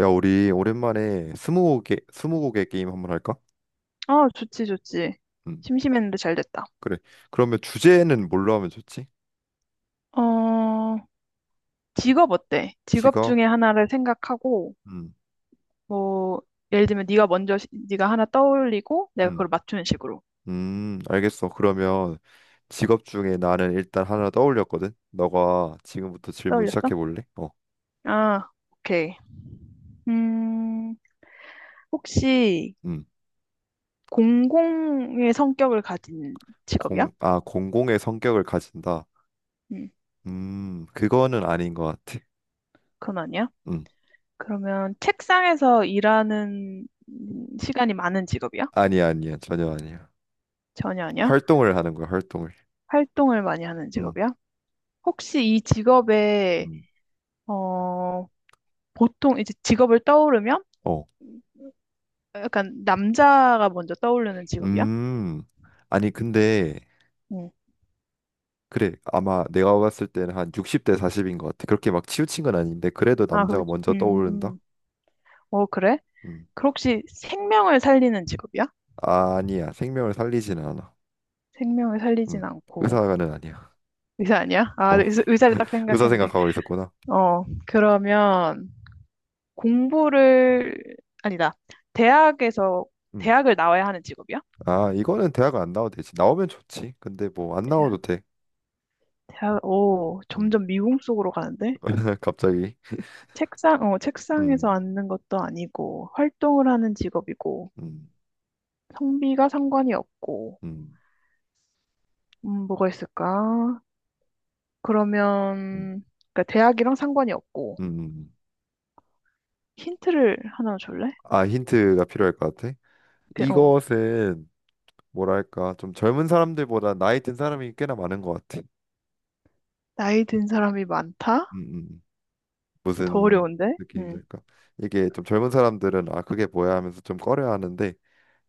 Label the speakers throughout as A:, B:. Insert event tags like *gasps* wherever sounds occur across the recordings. A: 야, 우리 오랜만에 스무고개 게임 한번 할까?
B: 아, 좋지, 좋지.
A: 음,
B: 심심했는데 잘 됐다.
A: 그래. 그러면 주제는 뭘로 하면 좋지?
B: 어, 직업 어때? 직업
A: 직업?
B: 중에 하나를 생각하고,
A: 음,
B: 뭐, 예를 들면 네가 먼저, 네가 하나 떠올리고, 내가
A: 음,
B: 그걸 맞추는 식으로.
A: 알겠어. 그러면 직업 중에 나는 일단 하나 떠올렸거든. 너가 지금부터 질문
B: 떠올렸어?
A: 시작해 볼래?
B: 아, 오케이. 음, 혹시
A: 음,
B: 공공의 성격을 가진 직업이야?
A: 공공의 성격을 가진다.
B: 음,
A: 그거는 아닌 것 같아.
B: 그건 아니야.
A: 음,
B: 그러면 책상에서 일하는 시간이 많은 직업이야?
A: 아니야, 아니야, 전혀 아니야.
B: 전혀 아니야.
A: 활동을 하는 거야, 활동을.
B: 활동을 많이 하는
A: 음,
B: 직업이야? 혹시 이 직업에
A: 음,
B: 어, 보통 이제 직업을 떠오르면
A: 어,
B: 약간 남자가 먼저 떠오르는 직업이야?
A: 음, 아니 근데.
B: 응.
A: 그래, 아마 내가 봤을 때는 한 60대 40인 것 같아. 그렇게 막 치우친 건 아닌데, 그래도
B: 아,
A: 남자가
B: 그러겠지.
A: 먼저 떠오른다?
B: 음. 어, 그래?
A: 음.
B: 그 혹시 생명을 살리는 직업이야?
A: 아니야, 생명을 살리지는 않아.
B: 생명을 살리진
A: 음.
B: 않고.
A: 의사가는 아니야.
B: 의사 아니야? 아,
A: 어,
B: 네, 의사를 딱
A: *laughs* 의사
B: 생각했는데.
A: 생각하고 있었구나.
B: 어, 그러면 공부를, 아니다. 대학에서,
A: 음.
B: 대학을 나와야 하는 직업이야?
A: 아, 이거는 대학 안 나와도 되지. 나오면 좋지. 근데 뭐 안
B: 대학,
A: 나와도 돼.
B: 대학, 오,
A: 음.
B: 점점 미궁 속으로 가는데?
A: *laughs* 갑자기.
B: 책상, 어,
A: 음,
B: 책상에서 앉는 것도 아니고, 활동을 하는 직업이고.
A: 음,
B: 성비가 상관이 없고,
A: 음,
B: 뭐가 있을까?
A: 음,
B: 그러면, 그러니까 대학이랑 상관이 없고,
A: 음.
B: 힌트를 하나 줄래?
A: 아, 힌트가 필요할 것 같아.
B: 그, 어,
A: 이것은 뭐랄까, 좀 젊은 사람들보다 나이 든 사람이 꽤나 많은 것 같아.
B: 나이 든 사람이 많다?
A: 음.
B: 더
A: 무슨
B: 어려운데?
A: 느낌인지 까 이게 좀 젊은 사람들은 아 그게 뭐야 하면서 좀 꺼려 하는데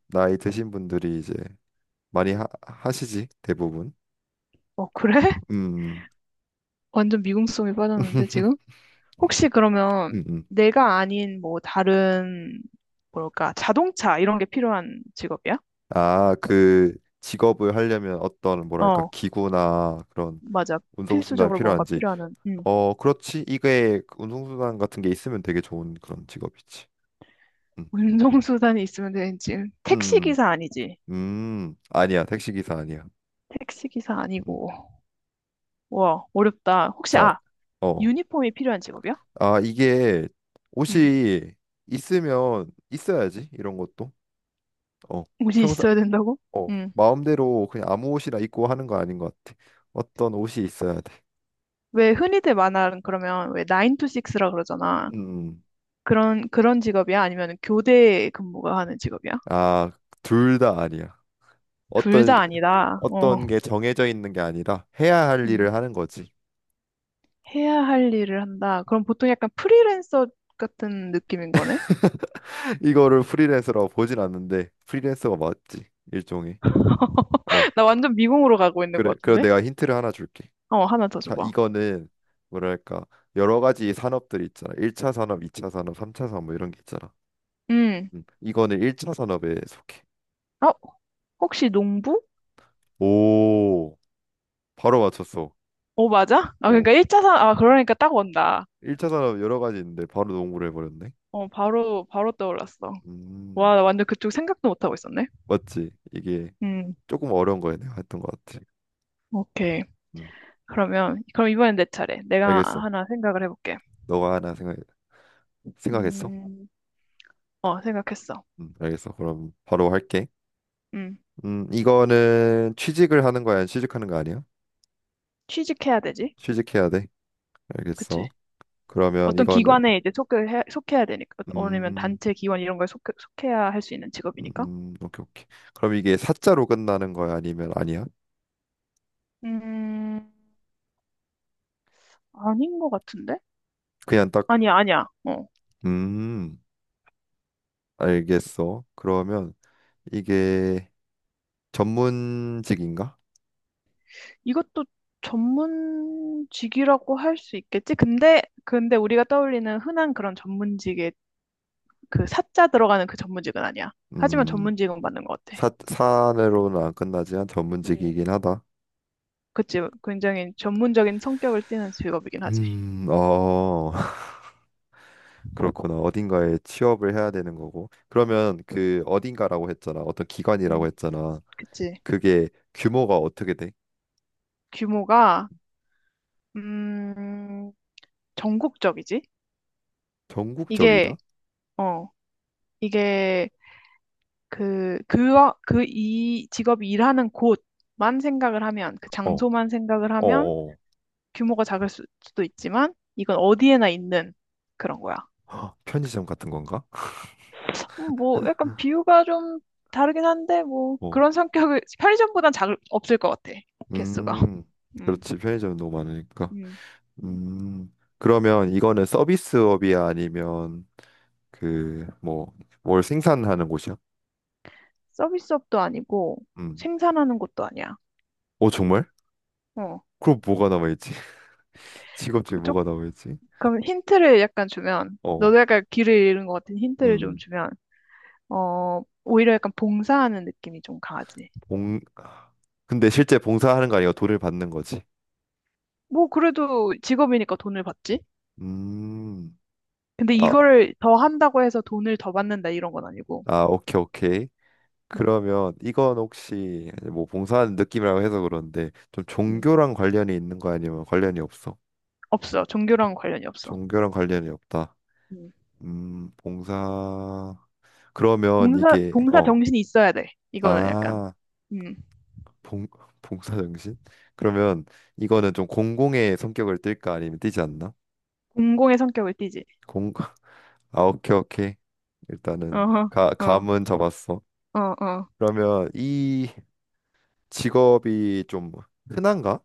A: 나이 드신 분들이 이제 많이 하시지 대부분.
B: 어, 그래? *laughs*
A: 음.
B: 완전 미궁성이 빠졌는데, 지금?
A: *laughs*
B: 혹시 그러면
A: 음, 음.
B: 내가 아닌 뭐 다른, 뭐랄까, 자동차 이런 게 필요한 직업이야?
A: 아, 그 직업을 하려면 어떤 뭐랄까
B: 어,
A: 기구나 그런
B: 맞아.
A: 운송수단이
B: 필수적으로 뭔가
A: 필요한지.
B: 필요하는,
A: 어, 그렇지. 이게 운송수단 같은 게 있으면 되게 좋은 그런 직업이지. 음,
B: *laughs* 운송수단이 있으면 되는 지
A: 음,
B: 택시기사 아니지?
A: 음. 음. 아니야. 택시기사 아니야.
B: 택시기사
A: 음.
B: 아니고. 와, 어렵다. 혹시,
A: 자,
B: 아,
A: 어.
B: 유니폼이 필요한 직업이야?
A: 아, 이게
B: 음.
A: 옷이 있으면 있어야지 이런 것도. 어,
B: 옷이
A: 평상
B: 있어야 된다고? 음.
A: 마음대로 그냥 아무 옷이나 입고 하는 거 아닌 것 같아. 어떤 옷이 있어야 돼.
B: 왜 흔히들 만화는 그러면 왜 9 to 6라 그러잖아.
A: 음.
B: 그런, 그런 직업이야? 아니면 교대 근무가 하는 직업이야?
A: 아, 둘 다 아니야.
B: 둘
A: 어떤
B: 다 아니다. 어.
A: 어떤 게 정해져 있는 게 아니라 해야 할
B: 음.
A: 일을 하는 거지.
B: 해야 할 일을 한다. 그럼 보통 약간 프리랜서 같은 느낌인 거네?
A: *laughs* 이거를 프리랜서라고 보진 않는데 프리랜서가 맞지. 일종의. 어.
B: *laughs* 나 완전 미궁으로 가고 있는 것
A: 그래. 그럼
B: 같은데?
A: 내가 힌트를 하나 줄게.
B: 어, 하나 더
A: 자,
B: 줘봐.
A: 이거는 뭐랄까 여러 가지 산업들이 있잖아. 1차 산업, 2차 산업, 3차 산업 뭐 이런 게 있잖아.
B: 음.
A: 이거는 1차 산업에 속해.
B: 어, 혹시 농부?
A: 오, 바로 맞췄어.
B: 어, 맞아? 아,
A: 어,
B: 그러니까 일자산, 아, 그러니까 딱 온다.
A: 1차 산업 여러 가지 있는데 바로 농구를 해버렸네.
B: 어, 바로, 바로 떠올랐어. 와,
A: 음,
B: 나 완전 그쪽 생각도 못하고 있었네.
A: 맞지? 이게
B: 음,
A: 조금 어려운 거야 내가 했던 것 같아.
B: 오케이.
A: 음,
B: 그러면, 그럼 이번엔 내 차례. 내가
A: 알겠어.
B: 하나 생각을 해볼게.
A: 너가 하나 생각했어?
B: 음, 어, 생각했어.
A: 알겠어. 그럼 바로 할게.
B: 음,
A: 이거는 취직을 하는 거야, 아니면 취직하는 거 아니야?
B: 취직해야 되지?
A: 취직해야 돼.
B: 그치?
A: 알겠어. 그러면
B: 어떤
A: 이거는
B: 기관에 이제 속해야 되니까. 아니면
A: 음,
B: 단체 기관 이런 거에 속해야 할 수 있는 직업이니까.
A: 오케이, 오케이. 그럼 이게 사자로 끝나는 거야? 아니면 아니야?
B: 음, 아닌 것 같은데?
A: 그냥 딱,
B: 아니야, 아니야. 어,
A: 음, 알겠어. 그러면 이게 전문직인가?
B: 이것도 전문직이라고 할 수 있겠지? 근데 우리가 떠올리는 흔한 그런 전문직의 그 사자 들어가는 그 전문직은 아니야. 하지만
A: 음,
B: 전문직은 맞는 것 같아.
A: 사내로는 안 끝나지만
B: 음,
A: 전문직이긴 하다.
B: 그치. 굉장히 전문적인 성격을 띠는 직업이긴 하지.
A: 음, 어, *laughs* 그렇구나. 어딘가에 취업을 해야 되는 거고. 그러면 그 어딘가라고 했잖아. 어떤 기관이라고
B: 음,
A: 했잖아.
B: 그치.
A: 그게 규모가 어떻게 돼?
B: 규모가, 음, 전국적이지? 이게,
A: 전국적이다?
B: 어, 이게 그, 그, 그 이 직업이 일하는 곳만 생각을 하면, 그
A: 어, 어,
B: 장소만 생각을 하면
A: 어.
B: 규모가 수도 있지만, 이건 어디에나 있는 그런 거야.
A: *gasps* *laughs* 편의점 같은 건가?
B: 뭐 약간 비유가 좀 다르긴 한데 뭐
A: 어.
B: 그런 성격을 *laughs* 편의점보단 작 없을 것 같아 개수가.
A: 음,
B: *laughs* 음,
A: 그렇지. 편의점이 너무 많으니까.
B: 음, 음.
A: 그러면 이거는 서비스업이야? 아니면 그, 뭐, 뭘 생산하는 곳이야?
B: 서비스업도 아니고
A: 음.
B: 생산하는 것도 아니야.
A: 어, 정말?
B: 어,
A: 그럼 뭐가 남아있지? *laughs* 직업 중에
B: 그쪽
A: 뭐가 남아있지?
B: 그럼 힌트를 약간 주면
A: 어,
B: 너도 약간 길을 잃은 것 같은 힌트를 좀
A: 음,
B: 주면 어 오히려 약간 봉사하는 느낌이 좀 강하지.
A: 봉, 근데 실제 봉사하는 거 아니고 돈을 받는 거지.
B: 뭐 그래도 직업이니까 돈을 받지.
A: 음,
B: 근데
A: 아,
B: 이거를 더 한다고 해서 돈을 더 받는다 이런 건 아니고.
A: 아, 오케이, 오케이.
B: 음,
A: 그러면 이건 혹시 뭐 봉사하는 느낌이라고 해서 그런데 좀
B: 음.
A: 종교랑 관련이 있는 거 아니면 관련이 없어?
B: 없어. 종교랑 관련이 없어.
A: 종교랑 관련이 없다.
B: 음.
A: 봉사. 그러면 이게
B: 봉사 정신이 있어야 돼. 이거는 약간,
A: 아,
B: 음,
A: 봉 봉사 정신? 그러면 이거는 좀 공공의 성격을 띨까 아니면 띄지 않나?
B: 공공의 성격을 띠지.
A: 공 *laughs* 아, 오케이, 오케이. 일단은
B: 어허,
A: 가
B: 어,
A: 감은 잡았어.
B: 어, 어.
A: 그러면 이 직업이 좀 흔한가?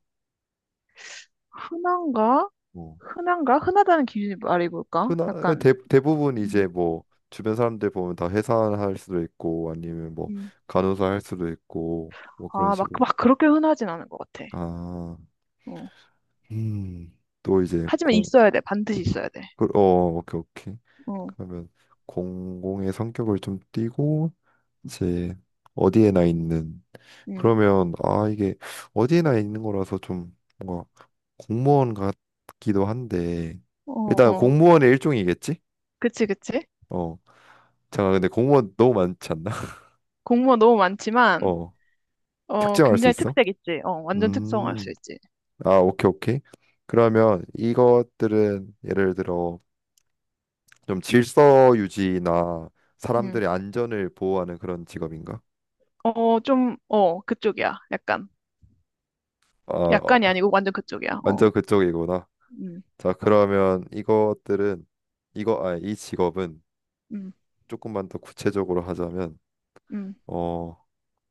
B: 흔한가?
A: 뭐
B: 흔한가? 흔하다는 기준이 말이 뭘까?
A: 흔한
B: 약간,
A: 대부분
B: 음,
A: 이제 뭐 주변 사람들 보면 다 회사할 수도 있고 아니면 뭐
B: 음.
A: 간호사 할 수도 있고 뭐 그런
B: 아, 막,
A: 식으로.
B: 막 그렇게 흔하진 않은 것 같아.
A: 아.
B: 어.
A: 음, 또 이제
B: 하지만 있어야 돼. 반드시 있어야 돼.
A: 그- 어, 오케이, 오케이.
B: 어,
A: 그러면 공공의 성격을 좀 띠고 이제 어디에나 있는.
B: 음,
A: 그러면 아 이게 어디에나 있는 거라서 좀 뭔가 공무원 같기도 한데
B: 어,
A: 일단
B: 어.
A: 공무원의 일종이겠지?
B: 그치, 그치.
A: 어, 잠깐 근데 공무원 너무 많지 않나? *laughs*
B: 공무원 너무 많지만,
A: 어,
B: 어,
A: 특정할 수
B: 굉장히
A: 있어?
B: 특색 있지. 어, 완전 특성화할
A: 음,
B: 수 있지.
A: 아 오케이 오케이. 그러면 이것들은 예를 들어 좀 질서 유지나
B: 음.
A: 사람들의 안전을 보호하는 그런 직업인가?
B: 어, 좀, 어, 그쪽이야. 약간.
A: 아, 어,
B: 약간이 아니고 완전 그쪽이야. 어.
A: 완전 그쪽이구나.
B: 음,
A: 자, 그러면 이것들은 이거 아, 이 직업은
B: 음,
A: 조금만 더 구체적으로 하자면
B: 음.
A: 어,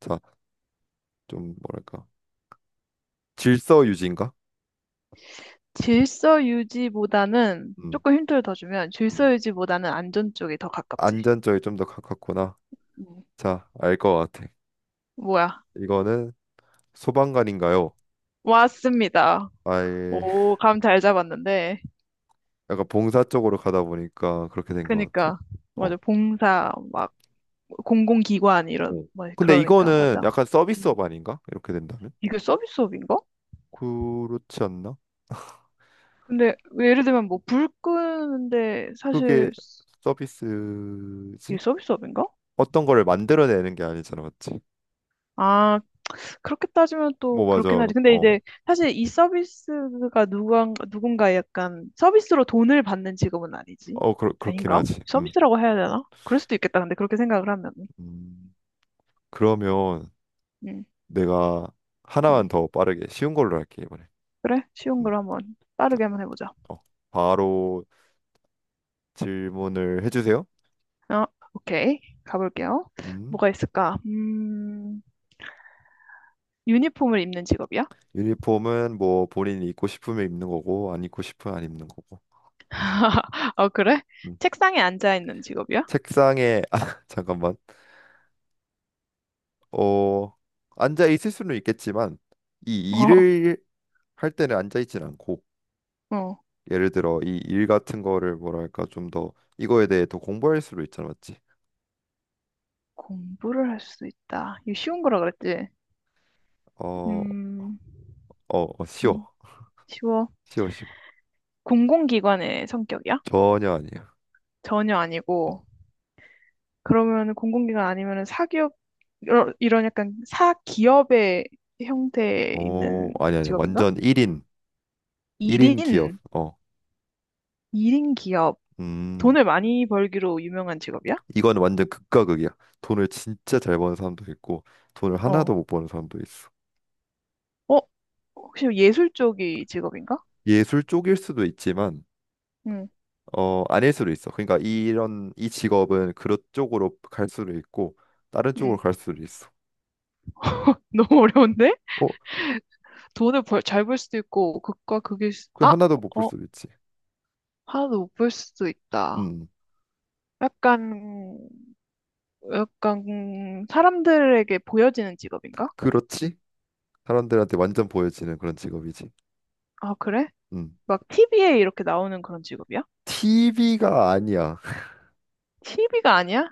A: 자, 좀 뭐랄까? 질서 유지인가?
B: 질서 유지보다는
A: 음.
B: 조금 힌트를 더 주면 질서
A: 음.
B: 유지보다는 안전 쪽이 더 가깝지.
A: 안전 쪽이 좀 더 가깝구나.
B: 음.
A: 자, 알 것 같아.
B: 뭐야?
A: 이거는 소방관인가요?
B: 왔습니다.
A: 아예 *laughs*
B: 오, 감 잘 잡았는데.
A: 약간 봉사 쪽으로 가다 보니까 그렇게 된 것 같아.
B: 그니까 맞아.
A: 어.
B: 봉사 막 공공기관 이런
A: 오.
B: 뭐
A: 근데
B: 그러니까
A: 이거는
B: 맞아.
A: 약간
B: 음.
A: 서비스업 아닌가? 이렇게 된다면?
B: 이게 서비스업인가?
A: 그렇지 않나?
B: 근데 예를 들면 뭐 불 끄는데
A: 그게
B: 사실 이게
A: 서비스지?
B: 서비스업인가?
A: 어떤 거를 만들어내는 게 아니잖아, 맞지?
B: 아, 그렇게 따지면 또
A: 뭐
B: 그렇긴
A: 맞아.
B: 하지. 근데
A: 어,
B: 이제 사실 이 서비스가 누군가 약간 서비스로 돈을 받는 직업은 아니지.
A: 어, 그렇긴
B: 아닌가?
A: 하지. 음.
B: 서비스라고 해야 되나? 그럴 수도 있겠다. 근데 그렇게 생각을 하면.
A: 음. 그러면
B: 음,
A: 내가 하나만
B: 음.
A: 더 빠르게 쉬운 걸로 할게 이번에.
B: 그래? 쉬운
A: 음.
B: 걸 한번
A: 자,
B: 빠르게 한번 해보자.
A: 어, 바로 질문을 해주세요.
B: 어, 오케이. 가볼게요.
A: 음.
B: 뭐가 있을까? 유니폼을 입는 직업이야?
A: 유니폼은 뭐 본인이 입고 싶으면 입는 거고 안 입고 싶으면 안 입는 거고.
B: *laughs* 어, 그래?
A: 음.
B: 책상에 앉아 있는 직업이야?
A: 책상에 *laughs* 아, 잠깐만. 어, 앉아 있을 수는 있겠지만 이
B: 어,
A: 일을 할 때는 앉아 있진 않고
B: 어.
A: 예를 들어 이 일 같은 거를 뭐랄까 좀 더 이거에 대해 더 공부할 수도 있잖아, 맞지?
B: 공부를 할 수 있다. 이거 쉬운 거라 그랬지?
A: 어,
B: 음, 음,
A: 쉬워.
B: 쉬워.
A: 쉬워, 쉬워.
B: 공공기관의 성격이야?
A: 전혀 아니야.
B: 전혀 아니고
A: 어,
B: 그러면 공공기관 아니면 사기업 이런 약간 사기업의 형태에 있는
A: 아니 아니
B: 직업인가?
A: 완전 1인 기업.
B: 1인
A: 어.
B: 1인 기업
A: 음.
B: 돈을 많이 벌기로 유명한 직업이야?
A: 이건 완전 극과 극이야. 돈을 진짜 잘 버는 사람도 있고 돈을 하나도
B: 어.
A: 못 버는 사람도 있어.
B: 어? 혹시 예술 쪽이 직업인가?
A: 예술 쪽일 수도 있지만
B: 응.
A: 아닐 수도 있어. 그러니까 이런 이 직업은 그런 쪽으로 갈 수도 있고 다른 쪽으로
B: 응.
A: 갈 수도 있어.
B: *laughs* 너무 어려운데?
A: 어,
B: 잘 벌 수도 있고 극과 극일 수...
A: 그
B: 아,
A: 하나도
B: 어,
A: 못 볼
B: 어,
A: 수도 있지.
B: 하나도 못 벌 수도 있다.
A: 음,
B: 약간 약간 사람들에게 보여지는 직업인가?
A: 그렇지? 사람들한테 완전 보여지는 그런 직업이지.
B: 아, 그래?
A: 음,
B: 막 TV에 이렇게 나오는 그런 직업이야?
A: TV가 아니야. *laughs*
B: TV가 아니야?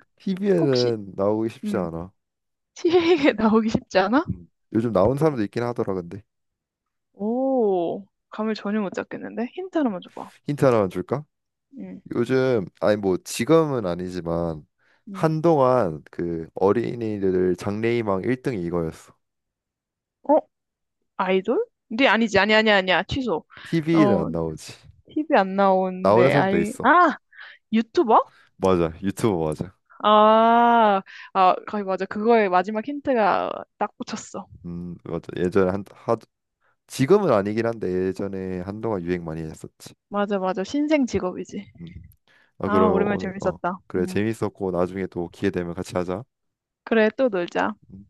B: 혹시,
A: TV에는 나오기 쉽지
B: 음,
A: 않아.
B: TV에 *laughs* 나오기 쉽지 않아?
A: 요즘 나온 사람도 있긴 하더라. 근데
B: 오, 감을 전혀 못 잡겠는데? 힌트 하나만 줘봐.
A: 힌트 하나만 줄까?
B: 음,
A: 요즘 아니 뭐 지금은 아니지만
B: 음.
A: 한동안 그 어린이들 장래희망 1등이 이거였어.
B: 어? 아이돌? 근데 아니지, 아니, 아니, 아니야. 취소.
A: TV는
B: 어,
A: 안 나오지.
B: TV 안
A: 나오는
B: 나오는데,
A: 사람도
B: 아이,
A: 있어.
B: 아! 유튜버?
A: 맞아. 유튜브 맞아.
B: 아, 아, 거의 맞아. 그거의 마지막 힌트가 딱 붙였어.
A: 맞아. 예전에 지금은 아니긴 한데 예전에 한동안 유행 많이 했었지.
B: 맞아, 맞아. 신생 직업이지.
A: 음. 아,
B: 아,
A: 그럼
B: 오랜만에
A: 오늘 어.
B: 재밌었다.
A: 그래
B: 음.
A: 재밌었고 나중에 또 기회 되면 같이 하자.
B: 그래, 또 놀자.
A: 음.